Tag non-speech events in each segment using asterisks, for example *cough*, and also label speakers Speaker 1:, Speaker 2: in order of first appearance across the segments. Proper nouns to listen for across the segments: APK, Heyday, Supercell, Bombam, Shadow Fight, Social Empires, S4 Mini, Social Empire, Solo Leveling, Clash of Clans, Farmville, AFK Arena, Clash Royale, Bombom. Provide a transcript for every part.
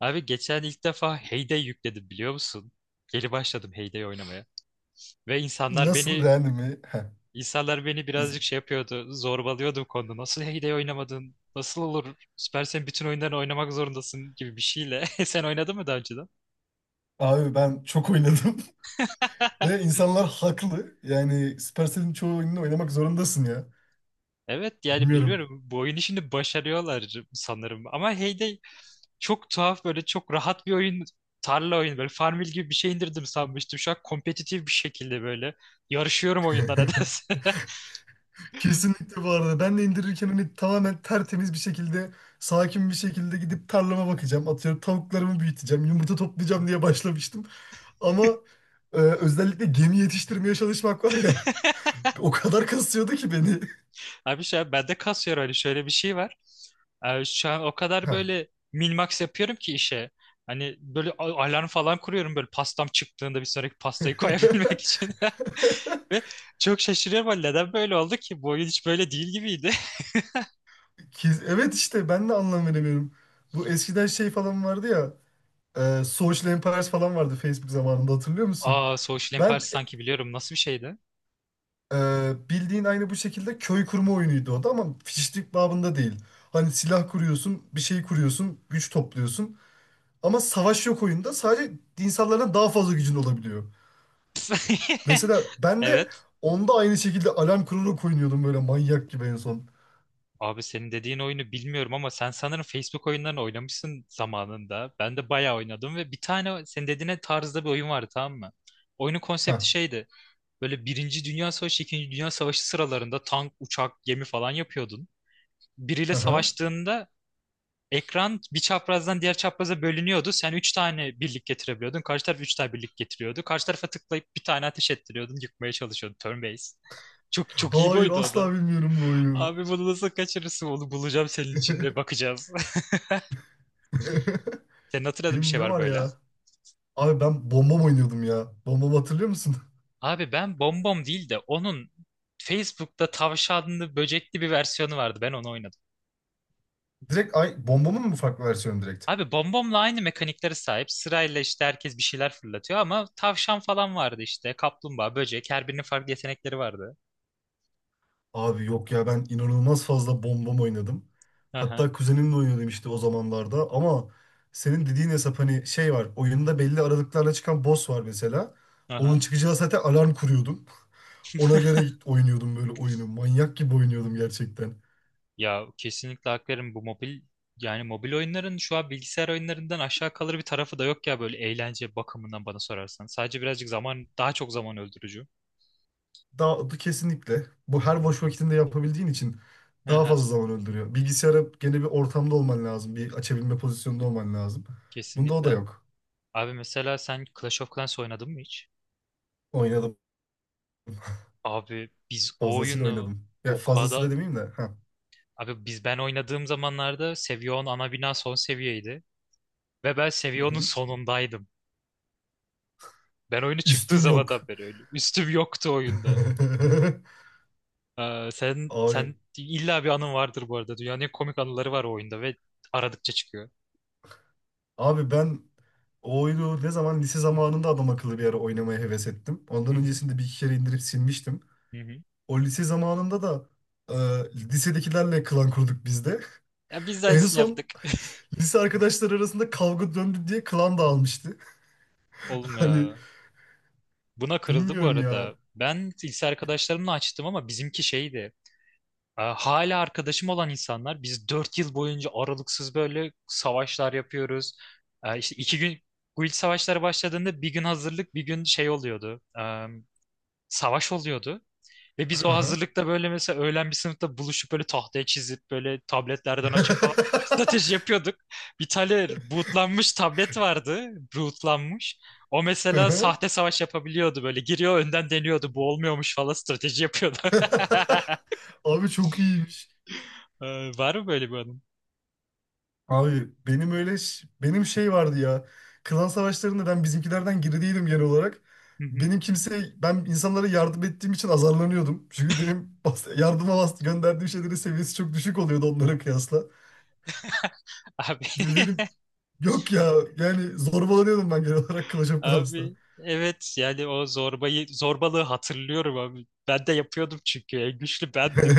Speaker 1: Abi geçen ilk defa Heyday yükledim biliyor musun? Geri başladım Heyday oynamaya. Ve insanlar
Speaker 2: Nasıl
Speaker 1: beni
Speaker 2: yani mi? Heh,
Speaker 1: insanlar beni birazcık
Speaker 2: izin.
Speaker 1: şey yapıyordu. Zorbalıyordu bu konuda. Nasıl Heyday oynamadın? Nasıl olur? Süper, sen bütün oyunlarını oynamak zorundasın gibi bir şeyle. *laughs* Sen oynadın mı daha önceden?
Speaker 2: Abi ben çok oynadım *laughs*
Speaker 1: *laughs*
Speaker 2: ve insanlar haklı. Yani Supercell'in çoğu oyununu oynamak zorundasın ya.
Speaker 1: Evet, yani
Speaker 2: Bilmiyorum.
Speaker 1: biliyorum bu oyunu şimdi başarıyorlar sanırım. Ama Heyday çok tuhaf, böyle çok rahat bir oyun. Tarla oyunu, böyle Farmville gibi bir şey indirdim sanmıştım. Şu an kompetitif bir şekilde böyle yarışıyorum oyunlara *laughs* nedense.
Speaker 2: *laughs* Kesinlikle bu arada. Ben de indirirken hani tamamen tertemiz bir şekilde, sakin bir şekilde gidip tarlama bakacağım. Atıyorum tavuklarımı büyüteceğim, yumurta toplayacağım diye başlamıştım. Ama özellikle gemi yetiştirmeye çalışmak var ya. *laughs* O kadar kasıyordu ki beni.
Speaker 1: Abi şu an bende kasıyor yer, hani şöyle bir şey var. Abi şu an o
Speaker 2: *laughs*
Speaker 1: kadar
Speaker 2: Heh.
Speaker 1: böyle min-max yapıyorum ki işe. Hani böyle alarm falan kuruyorum, böyle pastam çıktığında bir sonraki pastayı koyabilmek *laughs* için.
Speaker 2: *laughs*
Speaker 1: Ve çok şaşırıyorum, hani neden böyle oldu ki? Bu oyun hiç böyle değil gibiydi.
Speaker 2: Evet, işte ben de anlam veremiyorum. Bu eskiden şey falan vardı ya. Social Empires falan vardı Facebook zamanında, hatırlıyor
Speaker 1: *laughs*
Speaker 2: musun?
Speaker 1: Aa, Social Empire
Speaker 2: Ben
Speaker 1: sanki biliyorum. Nasıl bir şeydi?
Speaker 2: e, bildiğin aynı bu şekilde köy kurma oyunuydu o da, ama fişlik babında değil. Hani silah kuruyorsun, bir şey kuruyorsun, güç topluyorsun. Ama savaş yok oyunda. Sadece insanlardan daha fazla gücün olabiliyor. Mesela
Speaker 1: *laughs*
Speaker 2: ben de
Speaker 1: Evet.
Speaker 2: onda aynı şekilde alarm kurarak oynuyordum böyle manyak gibi en son.
Speaker 1: Abi senin dediğin oyunu bilmiyorum ama sen sanırım Facebook oyunlarını oynamışsın zamanında. Ben de bayağı oynadım ve bir tane senin dediğine tarzda bir oyun vardı, tamam mı? Oyunun
Speaker 2: Heh,
Speaker 1: konsepti şeydi. Böyle Birinci Dünya Savaşı, İkinci Dünya Savaşı sıralarında tank, uçak, gemi falan yapıyordun. Biriyle
Speaker 2: aha.
Speaker 1: savaştığında ekran bir çaprazdan diğer çapraza bölünüyordu. Sen üç tane birlik getirebiliyordun. Karşı taraf üç tane birlik getiriyordu. Karşı tarafa tıklayıp bir tane ateş ettiriyordun. Yıkmaya çalışıyordun. Turn based. Çok çok iyi bir
Speaker 2: Hayır,
Speaker 1: oydu o da.
Speaker 2: asla bilmiyorum bu oyunu.
Speaker 1: Abi bunu nasıl kaçırırsın? Onu bulacağım senin için ve bakacağız. *laughs* Senin
Speaker 2: *laughs*
Speaker 1: hatırladığın bir
Speaker 2: Benim
Speaker 1: şey
Speaker 2: ne
Speaker 1: var
Speaker 2: var
Speaker 1: böyle.
Speaker 2: ya? Abi ben bombam oynuyordum ya. Bombamı hatırlıyor musun?
Speaker 1: Abi ben Bombom değil de onun Facebook'ta tavşanlı böcekli bir versiyonu vardı. Ben onu oynadım.
Speaker 2: *laughs* Direkt ay bombamın mı farklı versiyonu direkt?
Speaker 1: Abi Bombom'la aynı mekaniklere sahip. Sırayla işte herkes bir şeyler fırlatıyor ama tavşan falan vardı işte. Kaplumbağa, böcek. Her birinin farklı yetenekleri vardı.
Speaker 2: Abi yok ya, ben inanılmaz fazla bombam oynadım.
Speaker 1: Aha,
Speaker 2: Hatta kuzenimle oynuyordum işte o zamanlarda, ama senin dediğin hesap hani şey var oyunda, belli aralıklarla çıkan boss var mesela. Onun
Speaker 1: aha.
Speaker 2: çıkacağı saate alarm kuruyordum. *laughs* Ona göre oynuyordum böyle oyunu. Manyak gibi oynuyordum gerçekten.
Speaker 1: Ya kesinlikle hak veririm. Bu mobil, yani mobil oyunların şu an bilgisayar oyunlarından aşağı kalır bir tarafı da yok ya, böyle eğlence bakımından bana sorarsan. Sadece birazcık zaman, daha çok zaman öldürücü.
Speaker 2: Daha kesinlikle. Bu her boş vakitinde yapabildiğin için daha
Speaker 1: Aha,
Speaker 2: fazla zaman öldürüyor. Bilgisayara gene bir ortamda olman lazım. Bir açabilme pozisyonunda olman lazım. Bunda o da
Speaker 1: kesinlikle.
Speaker 2: yok.
Speaker 1: Abi mesela sen Clash of Clans oynadın mı hiç?
Speaker 2: Oynadım.
Speaker 1: Abi biz o
Speaker 2: Fazlasıyla
Speaker 1: oyunu
Speaker 2: oynadım. Ya
Speaker 1: o
Speaker 2: fazlası da
Speaker 1: kadar
Speaker 2: demeyeyim de. Ha.
Speaker 1: Abi ben oynadığım zamanlarda Seviyon ana bina son seviyeydi. Ve ben
Speaker 2: Hı
Speaker 1: Seviyon'un
Speaker 2: hı.
Speaker 1: sonundaydım. Ben oyunu çıktığı
Speaker 2: Üstün yok.
Speaker 1: zamandan beri öyle. Üstüm yoktu oyunda.
Speaker 2: *laughs*
Speaker 1: Ee, sen
Speaker 2: Abi,
Speaker 1: sen illa bir anın vardır bu arada. Dünyanın en komik anıları var o oyunda ve aradıkça çıkıyor.
Speaker 2: abi ben o oyunu ne zaman lise zamanında adam akıllı bir ara oynamaya heves ettim.
Speaker 1: Hı
Speaker 2: Ondan
Speaker 1: hı.
Speaker 2: öncesinde bir iki kere indirip silmiştim.
Speaker 1: Hı hı.
Speaker 2: O lise zamanında da lisedekilerle klan kurduk biz de. *laughs*
Speaker 1: Ya biz de
Speaker 2: En
Speaker 1: aynısını yaptık.
Speaker 2: son lise arkadaşlar arasında kavga döndü diye klan dağılmıştı.
Speaker 1: *laughs*
Speaker 2: *laughs*
Speaker 1: Oğlum
Speaker 2: Hani
Speaker 1: ya. Buna kırıldı bu
Speaker 2: bilmiyorum ya.
Speaker 1: arada. Ben lise arkadaşlarımla açtım ama bizimki şeydi. E, hala arkadaşım olan insanlar, biz 4 yıl boyunca aralıksız böyle savaşlar yapıyoruz. E, İşte iki gün guild savaşları başladığında bir gün hazırlık, bir gün şey oluyordu. E, savaş oluyordu. Ve biz o
Speaker 2: *laughs*
Speaker 1: hazırlıkta böyle mesela öğlen bir sınıfta buluşup böyle tahtaya çizip böyle tabletlerden açıp falan *laughs* strateji yapıyorduk. Bir tane bootlanmış tablet vardı. Bootlanmış. O mesela sahte savaş yapabiliyordu böyle. Giriyor önden deniyordu. Bu olmuyormuş falan strateji yapıyordu. *laughs*
Speaker 2: Abi çok iyiymiş.
Speaker 1: E, var mı böyle bir anın?
Speaker 2: Abi benim öyle benim şey vardı ya. Klan savaşlarında ben bizimkilerden geri değilim genel olarak.
Speaker 1: Hı hı.
Speaker 2: Benim kimse ben insanlara yardım ettiğim için azarlanıyordum. Çünkü benim yardıma gönderdiğim şeylerin seviyesi çok düşük oluyordu onlara kıyasla.
Speaker 1: Abi,
Speaker 2: Ve
Speaker 1: *laughs*
Speaker 2: benim yok ya, yani zorbalanıyordum ben genel olarak Clash of Clans'ta.
Speaker 1: abi evet, yani o zorbayı zorbalığı hatırlıyorum abi. Ben de yapıyordum çünkü en güçlü bendim.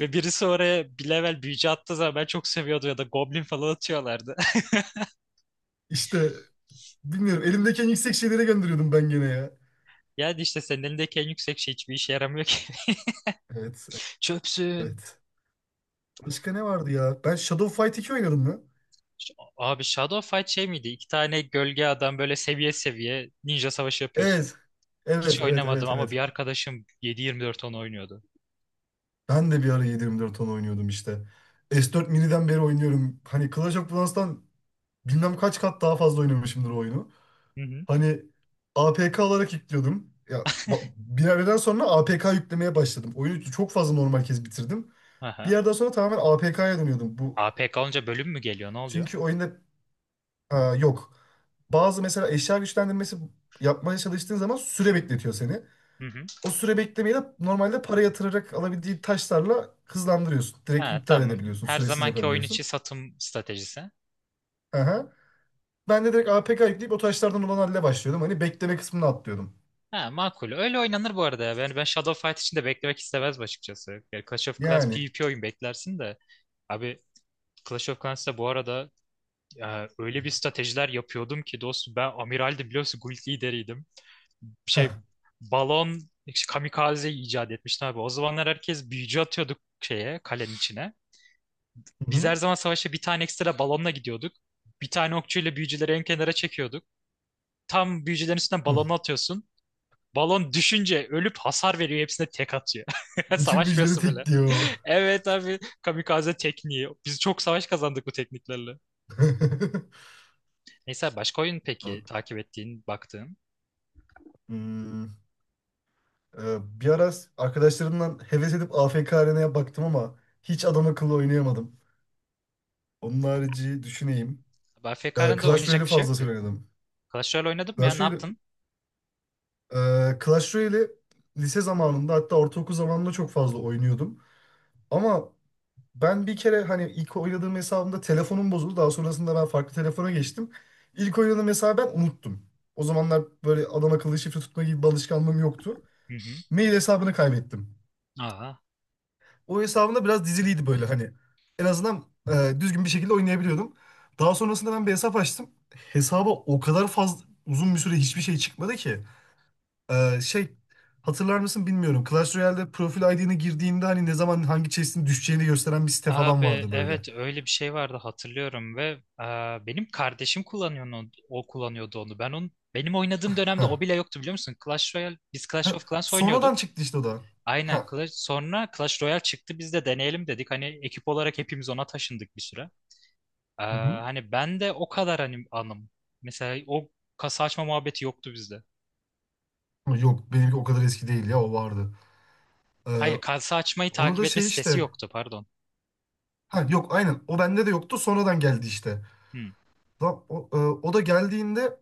Speaker 1: Ve birisi oraya bir level büyücü attığı zaman ben çok seviyordum, ya da goblin falan atıyorlardı. *laughs*
Speaker 2: İşte bilmiyorum, elimdeki en yüksek şeylere gönderiyordum ben gene ya.
Speaker 1: Yani işte senin elindeki en yüksek şey hiçbir işe yaramıyor ki.
Speaker 2: Evet,
Speaker 1: *laughs* Çöpsün.
Speaker 2: evet. Başka ne vardı ya? Ben Shadow Fight 2 oynadım mı?
Speaker 1: Abi Shadow Fight şey miydi? İki tane gölge adam, böyle seviye seviye ninja savaşı yapıyorsun.
Speaker 2: Evet.
Speaker 1: Hiç
Speaker 2: Evet, evet,
Speaker 1: oynamadım
Speaker 2: evet,
Speaker 1: ama
Speaker 2: evet.
Speaker 1: bir arkadaşım 7-24 onu oynuyordu.
Speaker 2: Ben de bir ara 7/24 ton oynuyordum işte. S4 Mini'den beri oynuyorum. Hani Clash of Clans'tan bilmem kaç kat daha fazla oynamışımdır o oyunu.
Speaker 1: Hı hı.
Speaker 2: Hani APK olarak yüklüyordum. Ya bir yerden sonra APK yüklemeye başladım. Oyunu çok fazla normal kez bitirdim. Bir
Speaker 1: Aha.
Speaker 2: yerden sonra tamamen APK'ya dönüyordum. Bu
Speaker 1: APK olunca bölüm mü geliyor? Ne oluyor?
Speaker 2: çünkü oyunda. Ha, yok. Bazı mesela eşya güçlendirmesi yapmaya çalıştığın zaman süre bekletiyor seni.
Speaker 1: Hı hı.
Speaker 2: O süre beklemeyi de normalde para yatırarak alabildiği taşlarla hızlandırıyorsun. Direkt
Speaker 1: Ha,
Speaker 2: iptal
Speaker 1: tamam.
Speaker 2: edebiliyorsun.
Speaker 1: Her
Speaker 2: Süresiz
Speaker 1: zamanki oyun
Speaker 2: yapabiliyorsun.
Speaker 1: içi satım stratejisi.
Speaker 2: Aha. Ben de direkt APK yükleyip o taşlardan olan halle başlıyordum. Hani bekleme kısmını atlıyordum.
Speaker 1: Ha, makul. Öyle oynanır bu arada ya. Ben Shadow Fight için de beklemek istemezdim açıkçası. Yani Clash of Clans
Speaker 2: Yani.
Speaker 1: PvP oyun, beklersin de. Abi Clash of Clans'ta bu arada, öyle bir stratejiler yapıyordum ki dostum, ben amiraldim, biliyorsun, guild lideriydim.
Speaker 2: Heh.
Speaker 1: Şey, balon işte, kamikaze icat etmiştim abi. O zamanlar herkes büyücü atıyorduk şeye, kalenin içine.
Speaker 2: Hı
Speaker 1: Biz her
Speaker 2: hı.
Speaker 1: zaman savaşa bir tane ekstra balonla gidiyorduk. Bir tane okçuyla büyücüleri en kenara çekiyorduk. Tam büyücülerin üstünden
Speaker 2: Hı.
Speaker 1: balonu atıyorsun. Balon düşünce ölüp hasar veriyor. Hepsine tek atıyor. *laughs*
Speaker 2: Bütün müjdeleri
Speaker 1: Savaşmıyorsun bile.
Speaker 2: tek
Speaker 1: *laughs*
Speaker 2: diyor.
Speaker 1: Evet abi. Kamikaze tekniği. Biz çok savaş kazandık bu tekniklerle.
Speaker 2: *laughs*
Speaker 1: Neyse, başka oyun peki takip ettiğin, baktığın.
Speaker 2: Hmm, bir ara arkadaşlarımdan heves edip AFK Arena'ya baktım ama hiç adam akıllı oynayamadım. Onun harici düşüneyim.
Speaker 1: AFK'da
Speaker 2: Clash
Speaker 1: oynayacak
Speaker 2: Royale'i
Speaker 1: bir şey yok ki.
Speaker 2: fazlasıyla oynadım.
Speaker 1: Clash Royale oynadın mı ya?
Speaker 2: Clash
Speaker 1: Ne
Speaker 2: Royale,
Speaker 1: yaptın?
Speaker 2: Clash Royale'i lise zamanında, hatta ortaokul zamanında çok fazla oynuyordum. Ama ben bir kere hani ilk oynadığım hesabımda telefonum bozuldu. Daha sonrasında ben farklı telefona geçtim. İlk oynadığım hesabı ben unuttum. O zamanlar böyle adam akıllı şifre tutma gibi bir alışkanlığım yoktu.
Speaker 1: Hı hı.
Speaker 2: Mail hesabını kaybettim.
Speaker 1: Aa.
Speaker 2: O hesabımda biraz diziliydi böyle hani. En azından düzgün bir şekilde oynayabiliyordum. Daha sonrasında ben bir hesap açtım. Hesaba o kadar fazla uzun bir süre hiçbir şey çıkmadı ki. Şey, hatırlar mısın bilmiyorum. Clash Royale'de profil ID'ne girdiğinde hani ne zaman hangi chest'in düşeceğini gösteren bir site falan
Speaker 1: Abi
Speaker 2: vardı böyle.
Speaker 1: evet öyle bir şey vardı, hatırlıyorum ve aa, benim kardeşim kullanıyor onu, o kullanıyordu onu. Ben onun, benim oynadığım dönemde
Speaker 2: Heh.
Speaker 1: o bile yoktu biliyor musun? Clash Royale, biz Clash
Speaker 2: Heh.
Speaker 1: of Clans oynuyorduk.
Speaker 2: Sonradan çıktı işte o da.
Speaker 1: Aynen
Speaker 2: Heh.
Speaker 1: Clash. Sonra Clash Royale çıktı, biz de deneyelim dedik. Hani ekip olarak hepimiz ona taşındık bir süre. Ee,
Speaker 2: Hı-hı.
Speaker 1: hani ben de o kadar hani anım. Mesela o kasa açma muhabbeti yoktu bizde.
Speaker 2: Yok, benimki o kadar eski değil ya, o vardı. Ee,
Speaker 1: Hayır, kasa açmayı
Speaker 2: Onu
Speaker 1: takip
Speaker 2: da
Speaker 1: etme
Speaker 2: şey
Speaker 1: sitesi
Speaker 2: işte.
Speaker 1: yoktu, pardon.
Speaker 2: Ha yok, aynen o bende de yoktu, sonradan geldi işte.
Speaker 1: Hmm.
Speaker 2: Lan o, o da geldiğinde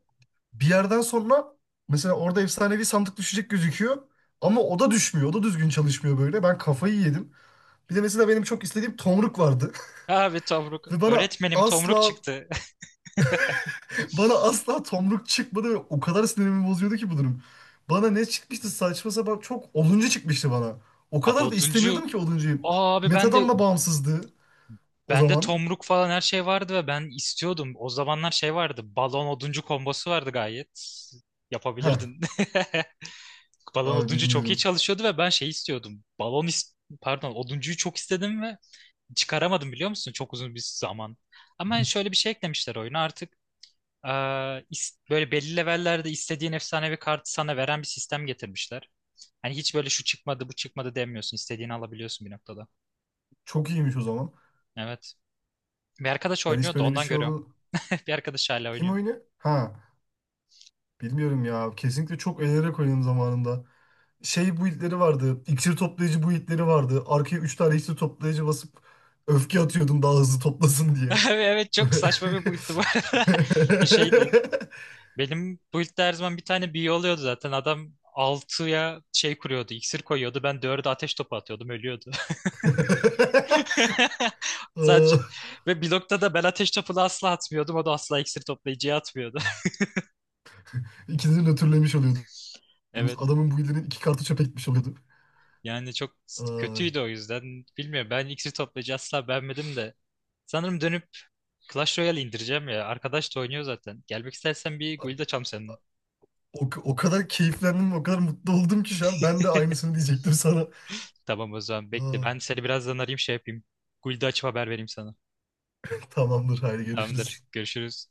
Speaker 2: bir yerden sonra mesela orada efsanevi sandık düşecek gözüküyor. Ama o da düşmüyor. O da düzgün çalışmıyor böyle. Ben kafayı yedim. Bir de mesela benim çok istediğim tomruk vardı.
Speaker 1: Abi Tomruk.
Speaker 2: Ve bana
Speaker 1: Öğretmenim Tomruk
Speaker 2: asla
Speaker 1: çıktı.
Speaker 2: bana asla tomruk çıkmadı ve o kadar sinirimi bozuyordu ki bu durum. Bana ne çıkmıştı, saçma sapan çok oduncu çıkmıştı bana. O
Speaker 1: *laughs*
Speaker 2: kadar da istemiyordum
Speaker 1: Aboduncu.
Speaker 2: ki oduncuyu.
Speaker 1: Aa, Abi ben de
Speaker 2: Metadan da bağımsızdı o
Speaker 1: bende
Speaker 2: zaman.
Speaker 1: Tomruk falan her şey vardı ve ben istiyordum. O zamanlar şey vardı. Balon oduncu kombosu vardı gayet.
Speaker 2: Heh,
Speaker 1: Yapabilirdin. *laughs* Balon
Speaker 2: abi
Speaker 1: oduncu çok iyi
Speaker 2: bilmiyorum.
Speaker 1: çalışıyordu ve ben şey istiyordum. Pardon, oduncuyu çok istedim ve çıkaramadım biliyor musun? Çok uzun bir zaman. Ama şöyle bir şey eklemişler oyuna artık. Ee, böyle belli levellerde istediğin efsanevi kartı sana veren bir sistem getirmişler. Hani hiç böyle şu çıkmadı bu çıkmadı demiyorsun. İstediğini alabiliyorsun bir noktada.
Speaker 2: Çok iyiymiş o zaman.
Speaker 1: Evet. Bir arkadaş
Speaker 2: Ben hiç
Speaker 1: oynuyordu,
Speaker 2: böyle bir
Speaker 1: ondan
Speaker 2: şey
Speaker 1: görüyorum.
Speaker 2: oldu.
Speaker 1: *laughs* Bir arkadaş hala
Speaker 2: Kim
Speaker 1: oynuyor.
Speaker 2: oynuyor? Ha, bilmiyorum ya. Kesinlikle çok eğlenerek oynadım zamanında. Şey build'leri vardı. İksir toplayıcı build'leri vardı. Arkaya 3 tane iksir toplayıcı basıp öfke atıyordum daha hızlı toplasın diye.
Speaker 1: *laughs* Evet,
Speaker 2: *laughs*
Speaker 1: çok saçma bir build'di bu
Speaker 2: Aa,
Speaker 1: arada. *laughs* Şeydi. Benim build'de her zaman bir tane büyü oluyordu zaten. Adam altıya şey kuruyordu, iksir koyuyordu. Ben 4'e ateş topu atıyordum, ölüyordu. *laughs* Sadece ve blokta da ben ateş topunu asla atmıyordum. O da asla iksir toplayıcıya atmıyordu. *laughs*
Speaker 2: İkinizi nötrlemiş oluyordunuz.
Speaker 1: Evet.
Speaker 2: Adamın bu ilinin iki kartı çöpe gitmiş oluyordu.
Speaker 1: Yani çok
Speaker 2: Aa,
Speaker 1: kötüydü o yüzden. Bilmiyorum, ben iksir toplayıcı asla beğenmedim de. Sanırım dönüp Clash Royale indireceğim ya. Arkadaş da oynuyor zaten. Gelmek istersen bir guild açalım seninle.
Speaker 2: o kadar keyiflendim, o kadar mutlu oldum ki şu an. Ben de aynısını diyecektim sana.
Speaker 1: Tamam o zaman, bekle.
Speaker 2: Aa,
Speaker 1: Ben seni birazdan arayayım, şey yapayım. Guild'i açıp haber vereyim sana.
Speaker 2: tamamdır, haydi
Speaker 1: Tamamdır.
Speaker 2: görüşürüz.
Speaker 1: Görüşürüz.